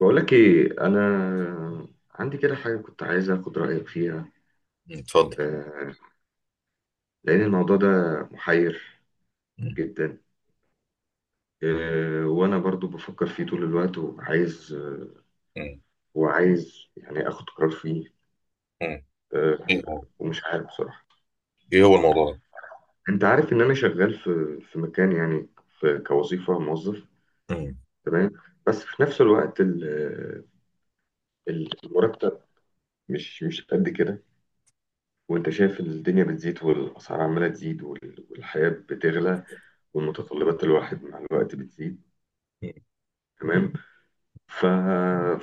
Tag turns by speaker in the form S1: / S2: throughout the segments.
S1: بقول لك ايه، انا عندي كده حاجه كنت عايز اخد رايك فيها.
S2: اتفضل.
S1: آه، لان الموضوع ده محير
S2: مم.
S1: جدا. وانا برضو بفكر فيه طول الوقت، وعايز
S2: مم.
S1: وعايز يعني اخد قرار فيه.
S2: مم.
S1: آه،
S2: ايه هو
S1: ومش عارف بصراحه.
S2: ايه هو الموضوع ده؟
S1: انت عارف ان انا شغال في مكان يعني، في كوظيفه موظف.
S2: مم.
S1: تمام. بس في نفس الوقت المرتب مش قد كده. وانت شايف الدنيا بتزيد والاسعار عماله تزيد والحياه بتغلى. ومتطلبات الواحد مع الوقت بتزيد.
S2: مم.
S1: تمام. ف...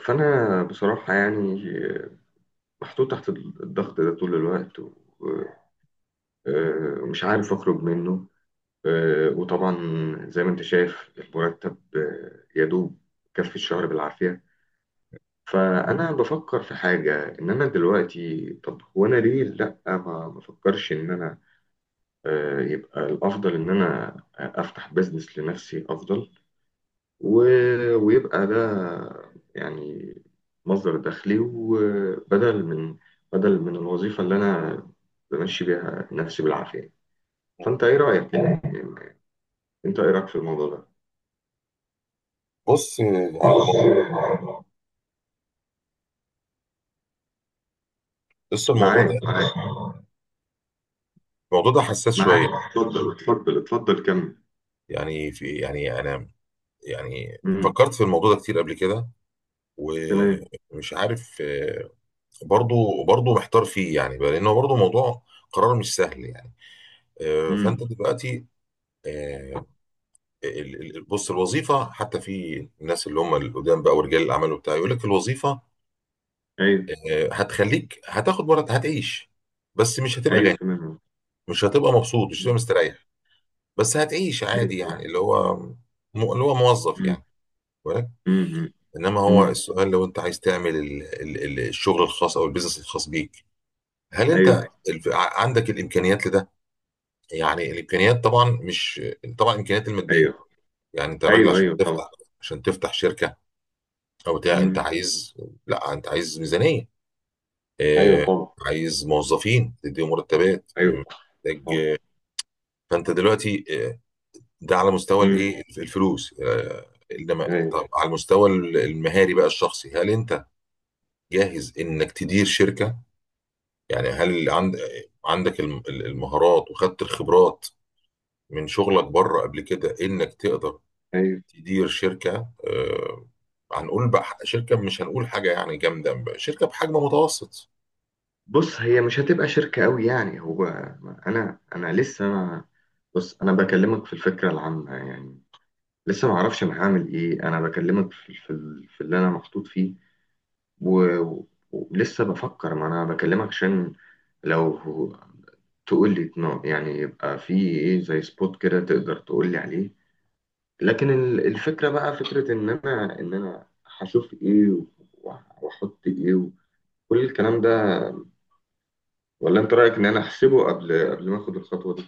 S1: فأنا بصراحة يعني محطوط تحت الضغط ده طول الوقت. ومش عارف أخرج منه. وطبعا زي ما أنت شايف المرتب يدوب كفي الشهر بالعافية. فأنا بفكر في حاجة، إن أنا دلوقتي، طب هو أنا ليه لأ ما بفكرش إن أنا يبقى الأفضل إن أنا أفتح بزنس لنفسي أفضل. و... ويبقى ده يعني مصدر دخلي، وبدل من الوظيفة اللي أنا بمشي بيها نفسي بالعافية. فأنت إيه رأيك يعني، أنت إيه رأيك في الموضوع ده؟
S2: بص يعني الم- بص، الموضوع ده
S1: معاك، معاك،
S2: الموضوع ده حساس شويه.
S1: معاك. اتفضل، اتفضل، اتفضل، كمل.
S2: يعني في يعني انا يعني
S1: مم.
S2: فكرت في الموضوع ده كتير قبل كده،
S1: تمام.
S2: ومش عارف. برضو محتار فيه يعني بقى، لانه برضو موضوع قرار مش سهل يعني. فانت
S1: مم.
S2: دلوقتي آه، بص الوظيفه، حتى في الناس اللي هم القدام بقى ورجال الاعمال وبتاع، يقول لك الوظيفه
S1: أيوه،
S2: هتخليك، هتاخد مرض، هتعيش، بس مش هتبقى
S1: أيوه،
S2: غني،
S1: تمام.
S2: مش هتبقى مبسوط، مش هتبقى
S1: مم.
S2: مستريح، بس هتعيش
S1: أيوه،
S2: عادي، يعني
S1: تمام.
S2: اللي هو اللي هو موظف
S1: مم.
S2: يعني، ولك.
S1: مم.
S2: انما هو
S1: مم.
S2: السؤال، لو انت عايز تعمل الشغل الخاص او البيزنس الخاص بيك، هل انت
S1: أيوه،
S2: عندك الامكانيات لده؟ يعني الامكانيات طبعا مش، طبعا الامكانيات الماديه،
S1: أيوه،
S2: يعني انت راجل
S1: أيوه،
S2: عشان
S1: أيوه، طبعا.
S2: تفتح، عشان تفتح شركه او بتاع انت
S1: مم.
S2: عايز، لا، انت عايز ميزانيه،
S1: أيوه،
S2: آه،
S1: طبعا.
S2: عايز موظفين تديهم مرتبات،
S1: أيوه، طبعا.
S2: محتاج. فانت دلوقتي ده على مستوى
S1: مم.
S2: الايه الفلوس. انما
S1: أيوه،
S2: طب على المستوى المهاري بقى الشخصي، هل انت جاهز انك تدير شركة؟ يعني هل عند، عندك المهارات وخدت الخبرات من شغلك بره قبل كده انك تقدر
S1: أيوه.
S2: تدير شركة. هنقول بقى شركة، مش هنقول حاجة يعني جامدة، شركة بحجم متوسط.
S1: بص، هي مش هتبقى شركة قوي يعني. هو انا، لسه ما... بص انا بكلمك في الفكرة العامة يعني. لسه ما اعرفش انا هعمل ايه، انا بكلمك في اللي انا محطوط فيه. ولسه بفكر، ما انا بكلمك عشان، لو تقول لي يعني يبقى في ايه، زي سبوت كده تقدر تقول لي عليه. لكن الفكرة بقى فكرة ان انا، هشوف ايه واحط ايه وكل الكلام ده، ولا انت رايك ان انا احسبه قبل ما اخد الخطوه دي؟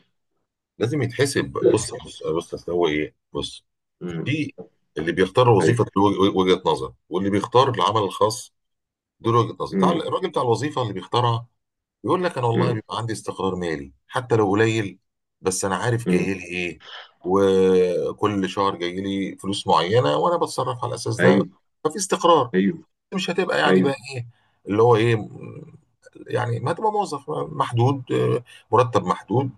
S2: لازم يتحسب. بص بص بص، أصل هو ايه، بص،
S1: امم
S2: في اللي بيختار وظيفة
S1: ايوه.
S2: له وجهة نظر، واللي بيختار العمل الخاص، دول وجهة نظري. بتاع-
S1: امم،
S2: الراجل بتاع الوظيفة اللي بيختارها يقول لك: انا والله
S1: امم،
S2: بيبقى عندي استقرار مالي حتى لو قليل، بس انا عارف
S1: امم،
S2: جاي لي ايه، وكل شهر جاي لي فلوس معينه وانا بتصرف على الاساس ده.
S1: ايوه،
S2: ففي استقرار،
S1: ايوه،
S2: مش هتبقى يعني
S1: ايوه،
S2: بقى ايه اللي هو ايه يعني ما هتبقى موظف محدود، مرتب محدود،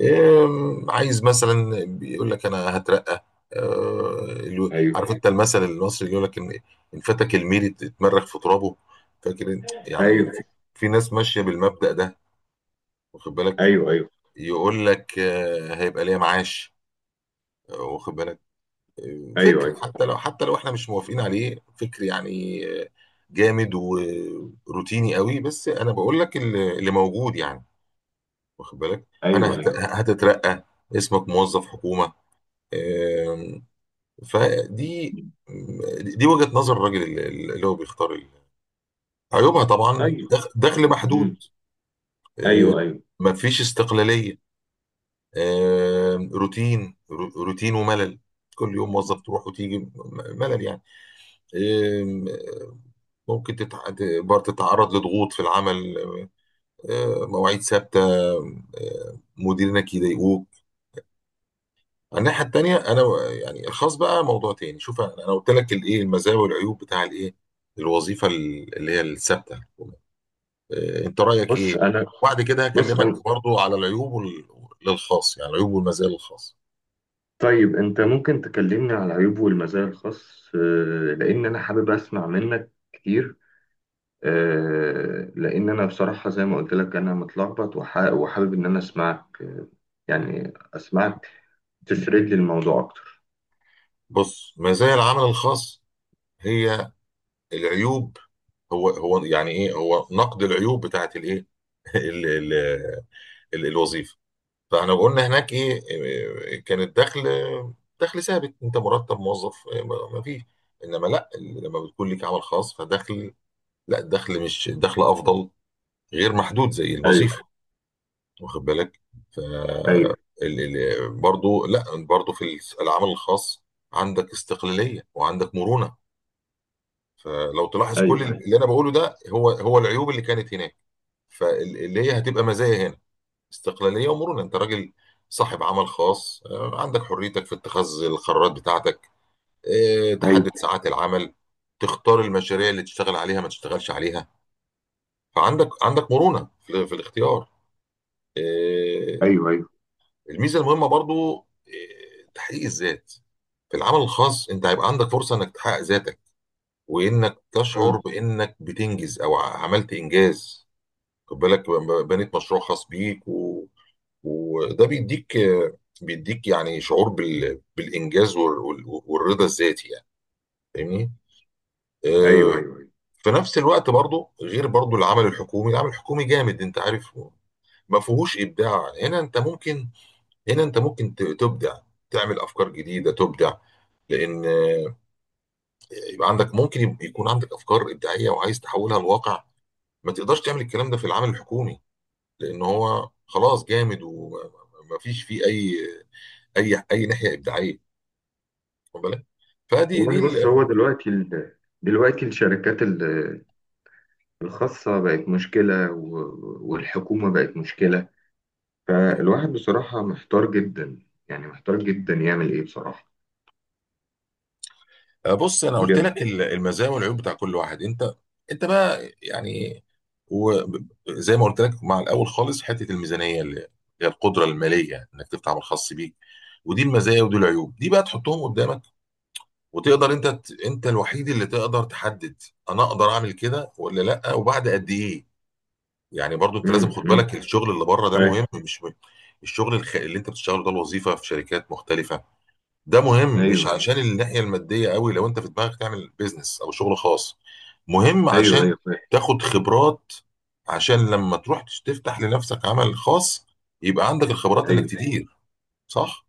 S2: إيه، عايز مثلا بيقول لك انا هترقى. اللي-
S1: ايوه،
S2: عارف انت المثل المصري اللي يقول لك ان ان فاتك الميري اتمرغ في ترابه؟ فاكر انت؟ يعني
S1: ايوه،
S2: في، في ناس ماشيه بالمبدأ ده، واخد بالك.
S1: ايوه، ايوه،
S2: يقول لك هيبقى ليا معاش. واخد بالك. فكر، حتى لو حتى لو احنا مش موافقين عليه، فكر يعني. جامد وروتيني قوي، بس انا بقول لك اللي موجود يعني، واخد بالك،
S1: ايوه،
S2: انا
S1: ايوه، ايوه،
S2: هتترقى، اسمك موظف حكومه. آم، فدي، دي وجهة نظر الراجل اللي هو بيختار ال-. عيوبها طبعا
S1: ايوه،
S2: دخل محدود،
S1: امم، ايوه، ايوه.
S2: مفيش استقلالية، روتين روتين وملل، كل يوم موظف تروح وتيجي ملل يعني. آم، ممكن تقدر تتعرض لضغوط في العمل، مواعيد ثابتة، مديرينك يضايقوك. الناحيه التانيه انا يعني الخاص بقى موضوع تاني. شوف انا، أنا قلت لك الايه، المزايا والعيوب بتاع الايه، الوظيفه اللي هي الثابته. انت رايك ايه؟
S1: بص انا
S2: وبعد كده
S1: بص
S2: هكلمك
S1: انا.
S2: برضو على العيوب وال-، للخاص يعني، العيوب والمزايا للخاص.
S1: طيب، انت ممكن تكلمني على العيوب والمزايا الخاص. لان انا حابب اسمع منك كتير. لان انا بصراحه زي ما قلت لك انا متلخبط، وحابب ان انا اسمعك، يعني اسمعك تسرد لي الموضوع اكتر.
S2: بص، مزايا العمل الخاص هي العيوب، هو هو يعني ايه، هو نقد العيوب بتاعت الايه ال- ال- الوظيفه. فاحنا قلنا هناك ايه كان الدخل دخل ثابت، انت مرتب موظف، ما فيش. انما لا، لما بتكون لك عمل خاص فدخل، لا الدخل مش الدخل افضل، غير محدود زي الوظيفه، واخد بالك. ف
S1: ايوه،
S2: برضو، لا برضو، في العمل الخاص عندك استقلاليه وعندك مرونه. فلو تلاحظ كل
S1: ايوه،
S2: اللي انا بقوله ده، هو هو العيوب اللي كانت هناك، فاللي هي هتبقى مزايا هنا. استقلالية ومرونة، انت راجل صاحب عمل خاص، عندك حريتك في اتخاذ القرارات بتاعتك، تحدد
S1: ايوه،
S2: ساعات العمل، تختار المشاريع اللي تشتغل عليها ما تشتغلش عليها. فعندك مرونة في الاختيار آه،
S1: ايوه، ايوه.
S2: الميزة المهمة برضو تحقيق الذات، في العمل الخاص انت هيبقى عندك فرصة انك تحقق ذاتك، وانك تشعر
S1: مم.
S2: بانك بتنجز او عملت انجاز، خد بالك، بنيت مشروع خاص بيك، و... وده بيديك بيديك يعني شعور بال... بالانجاز وال... وال- والرضا الذاتي يعني، فاهمني
S1: ايوه،
S2: آه،
S1: ايوه، ايوه.
S2: في نفس الوقت برضو، غير برضو العمل الحكومي، العمل الحكومي جامد، انت عارف، ما فيهوش ابداع. هنا انت ممكن، هنا انت ممكن تبدع، تعمل افكار جديده، تبدع، لان يبقى عندك، ممكن يكون عندك افكار ابداعيه وعايز تحولها لواقع، ما تقدرش تعمل الكلام ده في العمل الحكومي، لان هو خلاص جامد ومفيش فيه اي ناحيه ابداعيه، واخد بالك. فدي دي
S1: والله، بص
S2: ال-.
S1: هو دلوقتي دلوقتي الشركات الخاصة بقت مشكلة، والحكومة بقت مشكلة. فالواحد بصراحة محتار جدا، يعني محتار جدا يعمل ايه بصراحة،
S2: بص، انا قلت
S1: بجد.
S2: لك ال- المزايا والعيوب بتاع كل واحد، انت، انت بقى يعني، وزي ما قلت لك مع الاول خالص، حته الميزانيه اللي هي القدره الماليه انك تفتح عمل خاص بيك، ودي المزايا ودي العيوب، دي بقى تحطهم قدامك وتقدر انت ت-، انت الوحيد اللي تقدر تحدد انا اقدر اعمل كده ولا لا، وبعد قد ايه. يعني برضو انت لازم
S1: امم،
S2: خد
S1: امم.
S2: بالك الشغل اللي بره ده
S1: فاهم.
S2: مهم مش مهم. الشغل الخ-، اللي انت بتشتغله ده الوظيفه في شركات مختلفه، ده مهم، مش
S1: ايوه،
S2: عشان الناحيه الماديه قوي، لو انت في دماغك تعمل بيزنس او شغل خاص مهم
S1: ايوه،
S2: عشان
S1: ايوه. فاهم.
S2: تاخد خبرات، عشان لما تروح تفتح لنفسك عمل خاص، يبقى عندك الخبرات انك
S1: ايوه.
S2: تدير. صح؟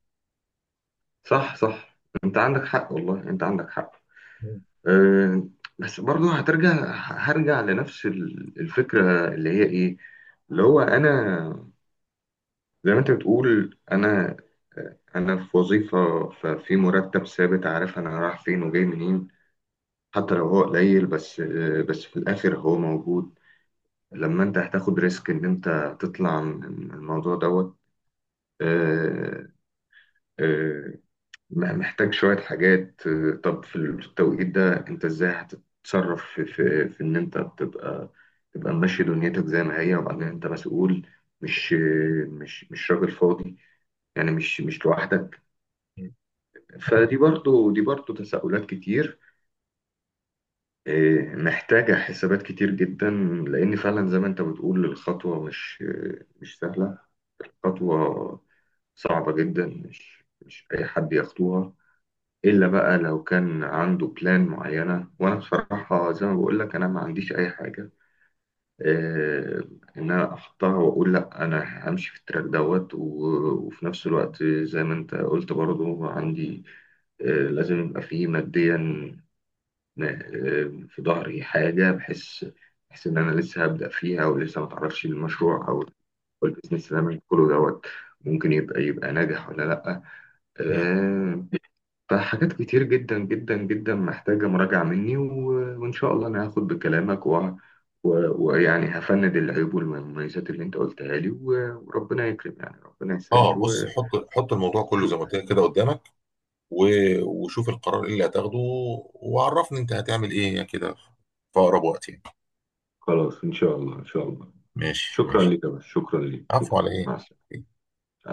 S1: صح، صح. انت عندك حق، والله انت عندك حق.
S2: مم.
S1: أه بس برضه هرجع لنفس الفكرة اللي هي ايه، اللي هو انا، زي ما انت بتقول، انا في وظيفه، ففي مرتب ثابت، عارف انا رايح فين وجاي منين. حتى لو هو قليل، بس في الاخر هو موجود. لما انت هتاخد ريسك ان انت تطلع من الموضوع دوت، آه، آه، محتاج شويه حاجات. طب في التوقيت ده انت ازاي هتتصرف في ان انت تبقى ماشي دنيتك زي ما هي، وبعدين انت مسؤول، مش مش راجل فاضي يعني، مش لوحدك.
S2: مم.
S1: فدي برضو دي برضو تساؤلات كتير. محتاجة حسابات كتير جدا. لأن فعلا زي ما أنت بتقول الخطوة مش سهلة. الخطوة صعبة جدا، مش أي حد يخطوها، إلا بقى لو كان عنده بلان معينة. وأنا بصراحة زي ما بقول لك أنا ما عنديش أي حاجة، إيه، إن أنا أحطها وأقول لأ أنا همشي في التراك دوت. وفي نفس الوقت زي ما أنت قلت برضو عندي، آه، لازم يبقى فيه ماديا. في ظهري حاجة، بحس، إن أنا لسه هبدأ فيها، ولسه ما تعرفش المشروع أو البيزنس اللي أنا بدخله دوت ممكن يبقى ناجح ولا لأ.
S2: مم.
S1: آه، فحاجات كتير جدا جدا جدا محتاجة مراجعة مني. وإن شاء الله أنا هاخد بكلامك، ويعني هفند العيوب والمميزات اللي أنت قلتها لي، وربنا يكرم يعني، ربنا يسهل
S2: اه، بص،
S1: وشوف.
S2: حط حط الموضوع كله زي ما قلت لك كده قدامك، و... وشوف القرار ايه اللي هتاخده، وعرفني انت هتعمل ايه كده في اقرب وقت يعني.
S1: خلاص، إن شاء الله، إن شاء الله.
S2: ماشي
S1: شكرا
S2: ماشي.
S1: لك يا باشا، شكرا لك،
S2: عفو، على
S1: شكرا.
S2: ايه؟
S1: مع السلامة.